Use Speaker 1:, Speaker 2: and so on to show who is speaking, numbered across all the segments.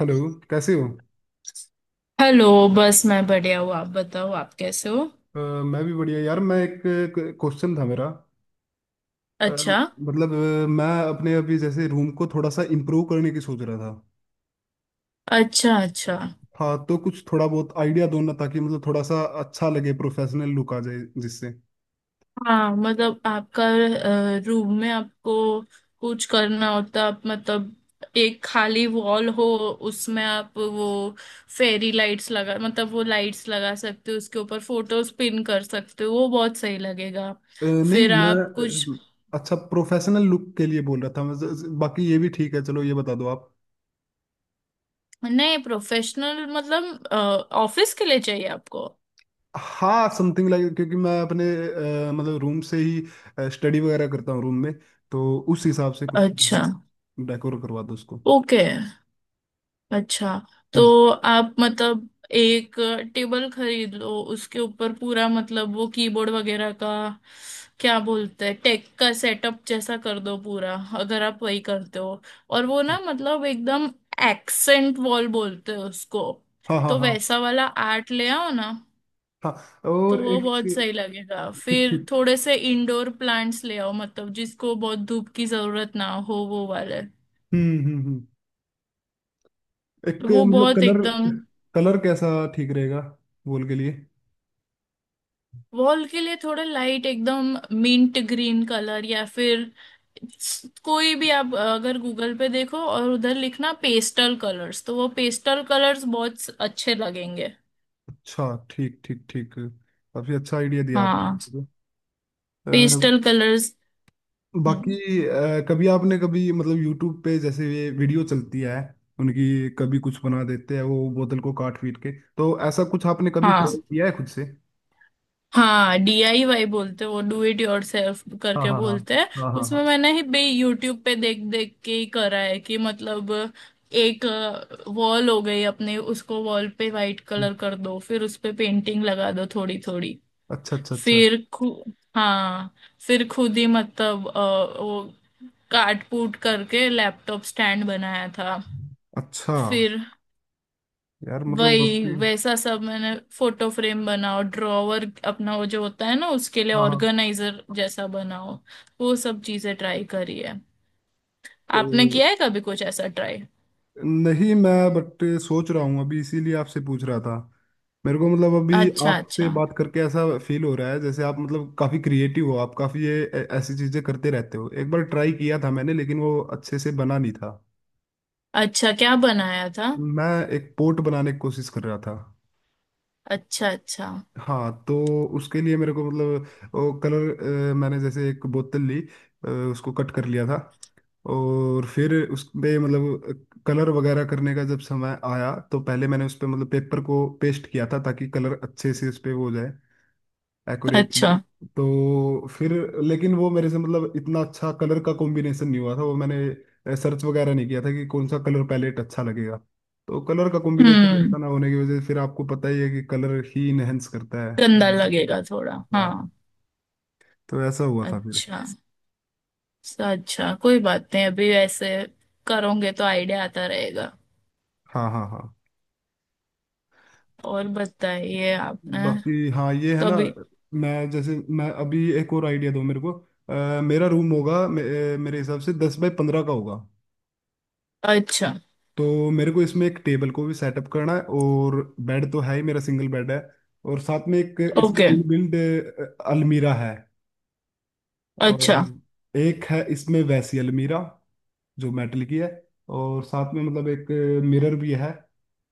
Speaker 1: Hello. कैसे हो?
Speaker 2: Hello. बस मैं बढ़िया हूँ, आप बताओ, आप कैसे हो?
Speaker 1: मैं भी बढ़िया यार। मैं एक क्वेश्चन था मेरा। अ,
Speaker 2: अच्छा।
Speaker 1: मतलब मैं अपने अभी जैसे रूम को थोड़ा सा इम्प्रूव करने की सोच रहा था।
Speaker 2: अच्छा। अच्छा।
Speaker 1: हाँ तो कुछ थोड़ा बहुत आइडिया दो ना, ताकि मतलब थोड़ा सा अच्छा लगे, प्रोफेशनल लुक आ जाए, जिससे
Speaker 2: हाँ मतलब आपका रूम में आपको कुछ करना होता, आप मतलब एक खाली वॉल हो, उसमें आप वो फेरी लाइट्स लगा, मतलब वो लाइट्स लगा सकते हो, उसके ऊपर फोटोज पिन कर सकते हो, वो बहुत सही लगेगा।
Speaker 1: नहीं,
Speaker 2: फिर आप कुछ
Speaker 1: मैं अच्छा, प्रोफेशनल लुक के लिए बोल रहा था मैं। बाकी ये भी ठीक है, चलो ये बता दो आप।
Speaker 2: नए प्रोफेशनल मतलब ऑफिस के लिए चाहिए आपको?
Speaker 1: हाँ, समथिंग लाइक, क्योंकि मैं अपने मतलब रूम से ही स्टडी वगैरह करता हूँ रूम में। तो उस हिसाब से कुछ
Speaker 2: अच्छा।
Speaker 1: डेकोर करवा दो उसको।
Speaker 2: ओके। अच्छा।
Speaker 1: हम्म।
Speaker 2: तो आप मतलब एक टेबल खरीद लो, उसके ऊपर पूरा मतलब वो कीबोर्ड वगैरह का क्या बोलते हैं, टेक का सेटअप जैसा कर दो पूरा, अगर आप वही करते हो। और वो ना मतलब एकदम एक्सेंट वॉल बोलते हैं उसको,
Speaker 1: हाँ, हाँ,
Speaker 2: तो
Speaker 1: हाँ।
Speaker 2: वैसा वाला आर्ट ले आओ ना।
Speaker 1: हाँ,
Speaker 2: तो
Speaker 1: और
Speaker 2: वो
Speaker 1: एक।
Speaker 2: बहुत सही लगेगा।
Speaker 1: ठीक,
Speaker 2: फिर
Speaker 1: ठीक।
Speaker 2: थोड़े से इंडोर प्लांट्स ले आओ, मतलब जिसको बहुत धूप की जरूरत ना हो वो वाले।
Speaker 1: हम्म, हम्म, हम्म।
Speaker 2: तो
Speaker 1: एक
Speaker 2: वो
Speaker 1: मतलब
Speaker 2: बहुत
Speaker 1: कलर।
Speaker 2: एकदम,
Speaker 1: कलर कैसा ठीक रहेगा वॉल के लिए?
Speaker 2: वॉल के लिए थोड़ा लाइट एकदम मिंट ग्रीन कलर या फिर कोई भी, आप अगर गूगल पे देखो और उधर लिखना पेस्टल कलर्स, तो वो पेस्टल कलर्स बहुत अच्छे लगेंगे।
Speaker 1: अच्छा, ठीक ठीक ठीक, काफी अच्छा आइडिया दिया आपने
Speaker 2: हाँ।
Speaker 1: मुझे। अ,
Speaker 2: पेस्टल कलर्स।
Speaker 1: बाकी
Speaker 2: हम्म।
Speaker 1: कभी आपने कभी मतलब यूट्यूब पे जैसे ये वीडियो चलती है, उनकी कभी कुछ बना देते हैं वो, बोतल को काट पीट के। तो ऐसा कुछ आपने कभी
Speaker 2: हाँ
Speaker 1: ट्राई किया है खुद से?
Speaker 2: हाँ, डीआईवाई बोलते हैं वो, डू इट योरसेल्फ
Speaker 1: हाँ,
Speaker 2: करके
Speaker 1: हाँ, हाँ।
Speaker 2: बोलते हैं।
Speaker 1: हाँ, हाँ,
Speaker 2: उसमें
Speaker 1: हाँ।
Speaker 2: मैंने ही बे यूट्यूब पे देख देख के ही करा है कि मतलब, एक वॉल हो गई अपने, उसको वॉल पे वाइट
Speaker 1: हम्म,
Speaker 2: कलर कर दो, फिर उस पे पेंटिंग लगा दो थोड़ी थोड़ी।
Speaker 1: अच्छा, अच्छा, अच्छा।
Speaker 2: फिर खु हाँ, फिर खुद ही मतलब वो काट कूट करके लैपटॉप स्टैंड बनाया था।
Speaker 1: अच्छा,
Speaker 2: फिर
Speaker 1: यार मतलब
Speaker 2: वही
Speaker 1: आपकी।
Speaker 2: वैसा सब मैंने फोटो फ्रेम बनाओ, ड्रॉवर अपना वो जो होता है ना उसके लिए
Speaker 1: हाँ, हाँ।
Speaker 2: ऑर्गेनाइजर जैसा बनाओ, वो सब चीजें ट्राई करी है। आपने
Speaker 1: क-
Speaker 2: किया है कभी कुछ ऐसा ट्राई?
Speaker 1: नहीं, मैं बट सोच रहा हूँ अभी, इसीलिए आपसे पूछ रहा था। मेरे को मतलब अभी
Speaker 2: अच्छा।
Speaker 1: आपसे
Speaker 2: अच्छा।
Speaker 1: बात करके ऐसा फील हो रहा है जैसे आप मतलब काफी क्रिएटिव हो, आप काफी ये ऐसी चीजें करते रहते हो। एक बार ट्राई किया था मैंने, लेकिन वो अच्छे से बना नहीं था।
Speaker 2: अच्छा, क्या बनाया था?
Speaker 1: मैं एक पोर्ट बनाने की कोशिश कर रहा था।
Speaker 2: अच्छा। अच्छा।
Speaker 1: हाँ तो उसके लिए मेरे को मतलब वो कलर, मैंने जैसे एक बोतल ली, उसको कट कर लिया था। और फिर उस पे मतलब कलर वगैरह करने का जब समय आया तो पहले मैंने उस पे मतलब पेपर को पेस्ट किया था, ताकि कलर अच्छे से उस पे वो हो जाए, एक्यूरेटली।
Speaker 2: अच्छा।
Speaker 1: तो फिर, लेकिन वो मेरे से मतलब इतना अच्छा कलर का कॉम्बिनेशन नहीं हुआ था, वो मैंने सर्च वगैरह नहीं किया था कि कौन सा कलर पैलेट अच्छा लगेगा। तो कलर का कॉम्बिनेशन अच्छा
Speaker 2: हम्म,
Speaker 1: ना होने की वजह से फिर, आपको पता ही है कि कलर ही इनहेंस करता है।
Speaker 2: गंदा
Speaker 1: हम्म।
Speaker 2: लगेगा थोड़ा,
Speaker 1: हाँ,
Speaker 2: हाँ।
Speaker 1: तो ऐसा हुआ था फिर।
Speaker 2: अच्छा। अच्छा, कोई बात नहीं, अभी ऐसे करोगे तो आइडिया आता रहेगा।
Speaker 1: हाँ, हाँ, हाँ।
Speaker 2: और बताइए, आपने
Speaker 1: बाकी, हाँ, ये है ना।
Speaker 2: कभी?
Speaker 1: मैं जैसे मैं अभी एक और आइडिया दूँ मेरे को, मेरा रूम होगा मेरे हिसाब से 10 बाय 15 का होगा।
Speaker 2: अच्छा।
Speaker 1: तो मेरे को इसमें एक टेबल को भी सेटअप करना है, और बेड तो है ही, मेरा सिंगल बेड है, और साथ में एक इसमें
Speaker 2: ओके।
Speaker 1: इनबिल्ट अलमीरा है,
Speaker 2: अच्छा।
Speaker 1: और एक है इसमें वैसी अलमीरा जो मेटल की है, और साथ में मतलब एक मिरर भी है।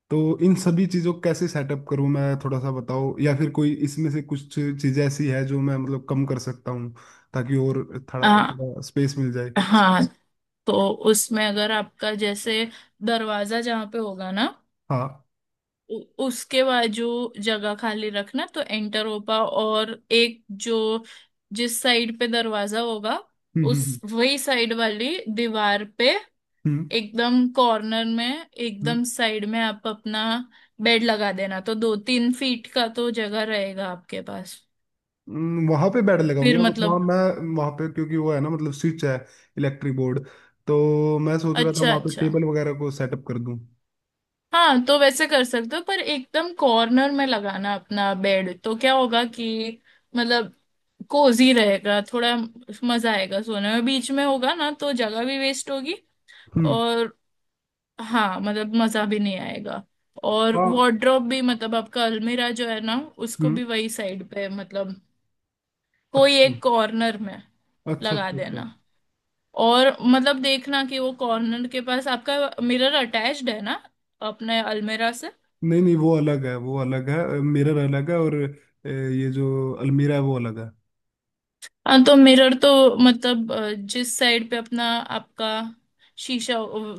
Speaker 1: तो इन सभी चीज़ों को कैसे सेटअप करूं मैं, थोड़ा सा बताओ, या फिर कोई इसमें से कुछ चीज़ें ऐसी है जो मैं मतलब कम कर सकता हूं, ताकि और थोड़ा
Speaker 2: हाँ
Speaker 1: थोड़ा स्पेस मिल जाए।
Speaker 2: हाँ, तो उसमें अगर आपका जैसे दरवाजा जहाँ पे होगा ना,
Speaker 1: हाँ,
Speaker 2: उ, उसके बाजू जगह खाली रखना तो एंटर हो पा, और एक जो जिस साइड पे दरवाजा होगा,
Speaker 1: हम्म,
Speaker 2: उस
Speaker 1: हम्म,
Speaker 2: वही साइड वाली दीवार पे,
Speaker 1: हम्म,
Speaker 2: एकदम कॉर्नर में
Speaker 1: हम्म।
Speaker 2: एकदम साइड में आप अपना बेड लगा देना, तो दो तीन फीट का तो जगह रहेगा आपके पास।
Speaker 1: वहां पे बैड लगाऊंगी
Speaker 2: फिर
Speaker 1: अब, वहां
Speaker 2: मतलब।
Speaker 1: मैं, वहां पे क्योंकि वो है ना मतलब स्विच है, इलेक्ट्रिक बोर्ड, तो मैं सोच रहा था
Speaker 2: अच्छा।
Speaker 1: वहां पे
Speaker 2: अच्छा।
Speaker 1: टेबल वगैरह को सेटअप कर दूं।
Speaker 2: हाँ, तो वैसे कर सकते हो, पर एकदम कॉर्नर में लगाना अपना बेड तो क्या होगा कि मतलब कोजी रहेगा थोड़ा, मजा आएगा सोने में। बीच में होगा ना तो जगह भी वेस्ट होगी,
Speaker 1: हम्म,
Speaker 2: और हाँ मतलब मजा भी नहीं आएगा। और
Speaker 1: हाँ,
Speaker 2: वार्डरोब भी मतलब आपका अलमीरा जो है ना, उसको
Speaker 1: हम्म,
Speaker 2: भी वही साइड पे मतलब कोई
Speaker 1: अच्छा,
Speaker 2: एक कॉर्नर में
Speaker 1: अच्छा,
Speaker 2: लगा
Speaker 1: अच्छा, अच्छा।
Speaker 2: देना। और मतलब देखना कि वो कॉर्नर के पास आपका मिरर अटैच्ड है ना अपने अलमीरा से।
Speaker 1: नहीं, नहीं, वो अलग है, वो अलग है, मिरर अलग है, और ये जो अलमीरा है वो अलग है।
Speaker 2: हाँ तो मिरर तो मतलब जिस साइड पे अपना आपका शीशा,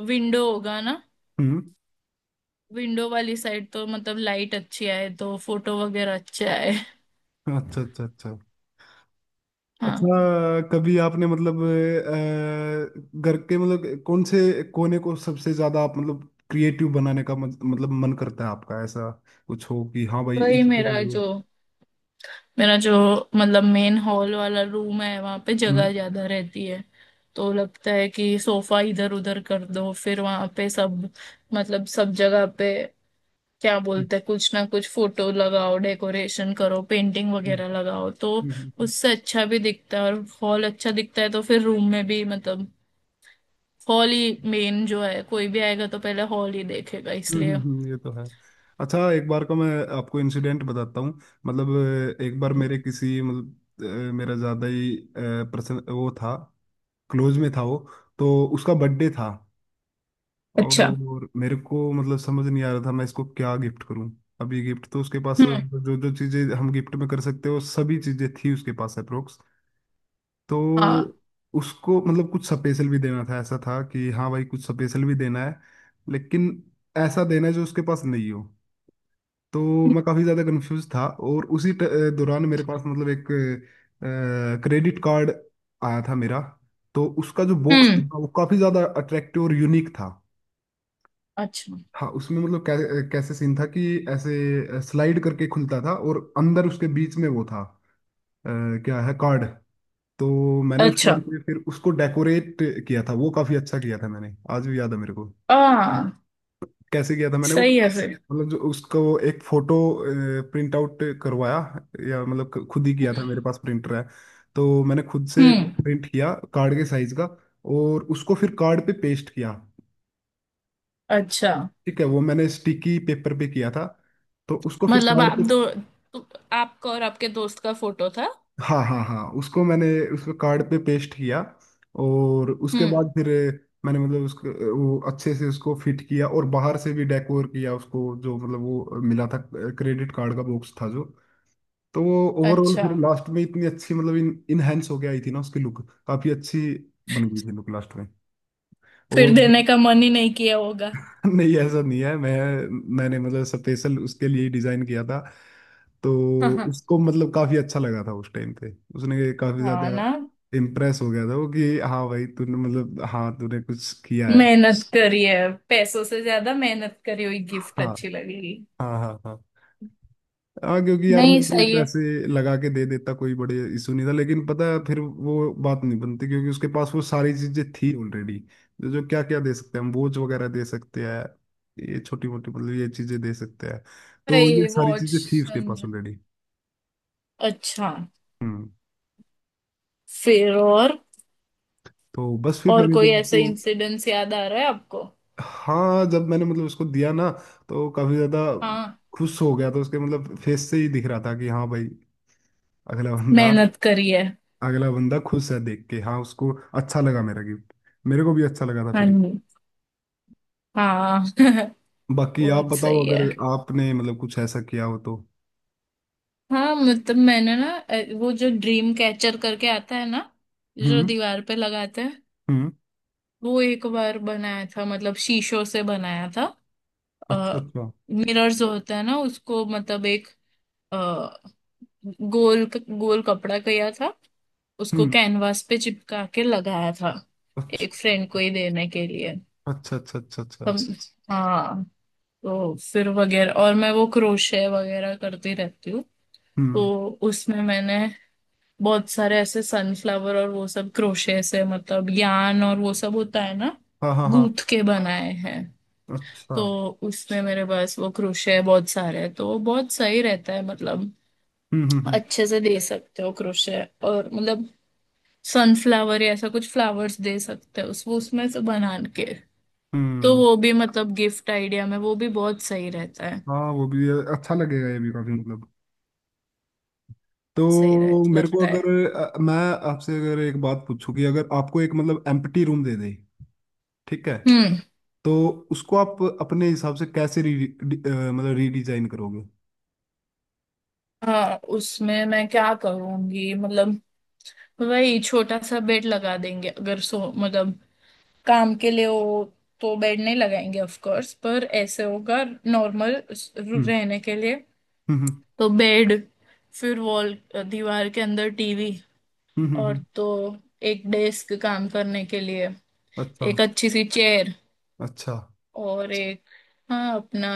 Speaker 2: विंडो होगा ना,
Speaker 1: हम्म,
Speaker 2: विंडो वाली साइड तो मतलब लाइट अच्छी आए तो फोटो वगैरह अच्छे आए।
Speaker 1: अच्छा, अच्छा, अच्छा।
Speaker 2: हाँ,
Speaker 1: अच्छा, कभी आपने मतलब घर के मतलब कौन से कोने को सबसे ज्यादा आप मतलब क्रिएटिव बनाने का मतलब मन करता है? आपका ऐसा कुछ हो कि हाँ भाई
Speaker 2: वही
Speaker 1: इस,
Speaker 2: मेरा
Speaker 1: हम्म।
Speaker 2: जो मेरा जो मतलब मेन हॉल वाला रूम है, वहां पे
Speaker 1: हम्म,
Speaker 2: जगह ज्यादा रहती है, तो लगता है कि सोफा इधर उधर कर दो, फिर वहां पे सब मतलब सब जगह पे क्या बोलते हैं कुछ ना कुछ फोटो लगाओ, डेकोरेशन करो, पेंटिंग
Speaker 1: हम्म,
Speaker 2: वगैरह लगाओ, तो
Speaker 1: हम्म, हम्म,
Speaker 2: उससे अच्छा भी दिखता है, और हॉल अच्छा दिखता है, तो फिर रूम में भी मतलब हॉल ही मेन जो है, कोई भी आएगा तो पहले हॉल ही देखेगा इसलिए।
Speaker 1: ये तो है। अच्छा, एक बार का मैं आपको इंसिडेंट बताता हूँ। मतलब, एक बार मेरे किसी मतलब, मेरा ज्यादा ही पर्सन वो था, क्लोज में था वो। तो उसका बर्थडे था।
Speaker 2: अच्छा।
Speaker 1: और मेरे को मतलब समझ नहीं आ रहा था मैं इसको क्या गिफ्ट करूं। अभी गिफ्ट तो उसके पास
Speaker 2: हम्म।
Speaker 1: मतलब, जो जो चीजें हम गिफ्ट में कर सकते हो सभी चीजें थी उसके पास, अप्रोक्स। तो
Speaker 2: हाँ।
Speaker 1: उसको मतलब कुछ स्पेशल भी देना था, ऐसा था कि हाँ भाई कुछ स्पेशल भी देना है, लेकिन ऐसा देना है जो उसके पास नहीं हो। तो मैं काफी ज्यादा कंफ्यूज था, और उसी दौरान मेरे पास मतलब एक क्रेडिट कार्ड आया था मेरा। तो उसका जो बॉक्स
Speaker 2: हम्म।
Speaker 1: था, वो काफी ज्यादा अट्रैक्टिव और यूनिक था।
Speaker 2: अच्छा।
Speaker 1: हाँ, उसमें मतलब कैसे सीन था कि ऐसे स्लाइड करके खुलता था, और अंदर उसके बीच में वो था, अ, क्या है, कार्ड। तो मैंने उस
Speaker 2: अच्छा।
Speaker 1: टाइम पे फिर उसको डेकोरेट किया था। वो काफी अच्छा किया था मैंने, आज भी याद है मेरे को
Speaker 2: आ,
Speaker 1: कैसे किया था मैंने वो।
Speaker 2: सही है फिर।
Speaker 1: मतलब, जो उसको एक फोटो प्रिंट आउट करवाया, या मतलब खुद ही किया था, मेरे पास प्रिंटर है, तो मैंने खुद से
Speaker 2: हम्म।
Speaker 1: प्रिंट किया कार्ड के साइज का, और उसको फिर कार्ड पे पेस्ट किया।
Speaker 2: अच्छा,
Speaker 1: ठीक है, वो मैंने स्टिकी पेपर पे किया था, तो उसको फिर
Speaker 2: मतलब।
Speaker 1: कार्ड पे।
Speaker 2: आपका और आपके दोस्त का फोटो था?
Speaker 1: हाँ, हाँ, हाँ, उसको मैंने उसको कार्ड पे पेस्ट किया। और उसके
Speaker 2: हम्म।
Speaker 1: बाद फिर मैंने मतलब उसको वो अच्छे से उसको फिट किया, और बाहर से भी डेकोर किया उसको, जो मतलब वो मिला था क्रेडिट कार्ड का बॉक्स था जो। तो वो ओवरऑल
Speaker 2: अच्छा।
Speaker 1: फिर लास्ट में इतनी अच्छी मतलब इन इनहेंस होके आई थी ना उसकी लुक, काफी अच्छी बन गई थी लुक लास्ट में,
Speaker 2: फिर देने
Speaker 1: और
Speaker 2: का मन ही नहीं किया होगा?
Speaker 1: नहीं, ऐसा नहीं है। मैंने मतलब स्पेशल उसके लिए डिजाइन किया था। तो उसको मतलब काफी अच्छा लगा था उस टाइम पे, उसने काफी
Speaker 2: हाँ
Speaker 1: ज्यादा
Speaker 2: ना,
Speaker 1: इम्प्रेस हो गया था वो कि हाँ भाई तूने मतलब, हाँ तूने कुछ किया है।
Speaker 2: मेहनत करी है, पैसों से ज्यादा मेहनत करी हुई
Speaker 1: हाँ,
Speaker 2: गिफ्ट अच्छी लगेगी।
Speaker 1: हाँ, हाँ, हाँ, हाँ, क्योंकि यार मैं
Speaker 2: नहीं,
Speaker 1: भी
Speaker 2: सही है।
Speaker 1: पैसे लगा के दे देता, कोई बड़े इशू नहीं था, लेकिन पता है फिर वो बात नहीं बनती, क्योंकि उसके पास वो सारी चीजें थी ऑलरेडी। जो जो क्या क्या दे सकते हैं हम, बोझ वगैरह दे सकते हैं, ये छोटी मोटी मतलब ये चीजें दे सकते हैं, तो ये
Speaker 2: भाई
Speaker 1: सारी
Speaker 2: वॉच
Speaker 1: चीजें थी उसके पास
Speaker 2: संग।
Speaker 1: ऑलरेडी।
Speaker 2: अच्छा।
Speaker 1: हम्म,
Speaker 2: फिर और।
Speaker 1: तो बस फिर
Speaker 2: और
Speaker 1: मैंने
Speaker 2: कोई
Speaker 1: जब
Speaker 2: ऐसे
Speaker 1: उसको,
Speaker 2: इंसिडेंट्स याद आ रहा है आपको?
Speaker 1: हाँ, जब मैंने मतलब उसको दिया ना, तो काफी ज्यादा
Speaker 2: हाँ,
Speaker 1: खुश हो गया था उसके, मतलब फेस से ही दिख रहा था कि हाँ भाई, अगला बंदा,
Speaker 2: मेहनत करी है।
Speaker 1: अगला बंदा खुश है देख के। हाँ, उसको अच्छा लगा मेरा गिफ्ट, मेरे को भी अच्छा लगा था
Speaker 2: हाँ
Speaker 1: फिर।
Speaker 2: जी। हाँ।
Speaker 1: बाकी आप
Speaker 2: बहुत
Speaker 1: बताओ
Speaker 2: सही
Speaker 1: अगर
Speaker 2: है।
Speaker 1: आपने मतलब कुछ ऐसा किया हो तो।
Speaker 2: हाँ मतलब मैंने ना वो जो ड्रीम कैचर करके आता है ना, जो
Speaker 1: हम्म,
Speaker 2: दीवार पे लगाते हैं,
Speaker 1: हम्म,
Speaker 2: वो एक बार बनाया था, मतलब शीशों से बनाया था।
Speaker 1: अच्छा,
Speaker 2: आ,
Speaker 1: अच्छा,
Speaker 2: मिरर्स होता है ना उसको, मतलब एक अ, गोल गोल कपड़ा किया था, उसको
Speaker 1: हम्म,
Speaker 2: कैनवास पे चिपका के लगाया था,
Speaker 1: अच्छा,
Speaker 2: एक फ्रेंड को ही देने के लिए।
Speaker 1: अच्छा, अच्छा, अच्छा, अच्छा,
Speaker 2: हम। हाँ। तो फिर वगैरह, और मैं वो क्रोशे वगैरह करती रहती हूँ,
Speaker 1: हम्म,
Speaker 2: तो उसमें मैंने बहुत सारे ऐसे सनफ्लावर और वो सब क्रोशे से मतलब यान और वो सब होता है ना,
Speaker 1: हाँ, हाँ, हाँ,
Speaker 2: गूंथ के बनाए हैं।
Speaker 1: अच्छा,
Speaker 2: तो उसमें मेरे पास वो क्रोशे बहुत सारे हैं, तो वो बहुत सही रहता है, मतलब
Speaker 1: हम्म, हम्म, हम्म,
Speaker 2: अच्छे से दे सकते हो क्रोशे, और मतलब सनफ्लावर या ऐसा कुछ फ्लावर्स दे सकते हो उस वो उसमें से बना के, तो
Speaker 1: हम्म।
Speaker 2: वो भी मतलब गिफ्ट आइडिया में वो भी बहुत सही रहता है।
Speaker 1: हाँ वो भी अच्छा लगेगा, ये भी काफी मतलब,
Speaker 2: सही रह
Speaker 1: तो मेरे को
Speaker 2: लगता है।
Speaker 1: अगर मैं आपसे अगर एक बात पूछूं कि अगर आपको एक मतलब एम्प्टी रूम दे दे, ठीक है,
Speaker 2: हम्म।
Speaker 1: तो उसको आप अपने हिसाब से कैसे मतलब रीडिजाइन करोगे?
Speaker 2: हाँ, उसमें मैं क्या करूंगी मतलब, वही छोटा सा बेड लगा देंगे, अगर सो मतलब काम के लिए हो तो बेड नहीं लगाएंगे ऑफ कोर्स, पर ऐसे होगा नॉर्मल
Speaker 1: हम्म,
Speaker 2: रहने के लिए।
Speaker 1: हम्म,
Speaker 2: तो बेड, फिर वॉल दीवार के अंदर टीवी,
Speaker 1: हम्म,
Speaker 2: और तो एक डेस्क काम करने के लिए,
Speaker 1: अच्छा,
Speaker 2: एक अच्छी सी चेयर,
Speaker 1: अच्छा,
Speaker 2: और एक हाँ अपना,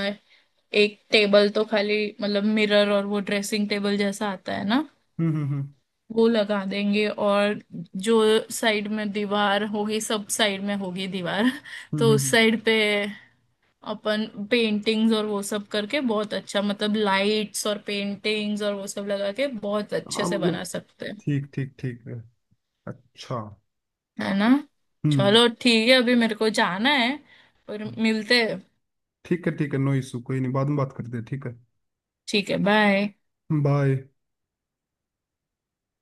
Speaker 2: एक टेबल तो खाली मतलब मिरर, और वो ड्रेसिंग टेबल जैसा आता है ना,
Speaker 1: हम्म, हम्म, हम्म,
Speaker 2: वो लगा देंगे, और जो साइड में दीवार होगी, सब साइड में होगी दीवार
Speaker 1: हम्म,
Speaker 2: तो उस
Speaker 1: हम्म।
Speaker 2: साइड पे अपन पेंटिंग्स और वो सब करके बहुत अच्छा, मतलब लाइट्स और पेंटिंग्स और वो सब लगा के बहुत अच्छे
Speaker 1: हाँ
Speaker 2: से
Speaker 1: मतलब,
Speaker 2: बना सकते हैं।
Speaker 1: ठीक ठीक, ठीक है, अच्छा,
Speaker 2: है ना?
Speaker 1: हम्म।
Speaker 2: चलो ठीक है, अभी मेरे को जाना है, पर मिलते हैं।
Speaker 1: ठीक है, ठीक है, नो इशू, कोई नहीं, बाद में बात करते हैं, ठीक है,
Speaker 2: ठीक है, बाय।
Speaker 1: बाय।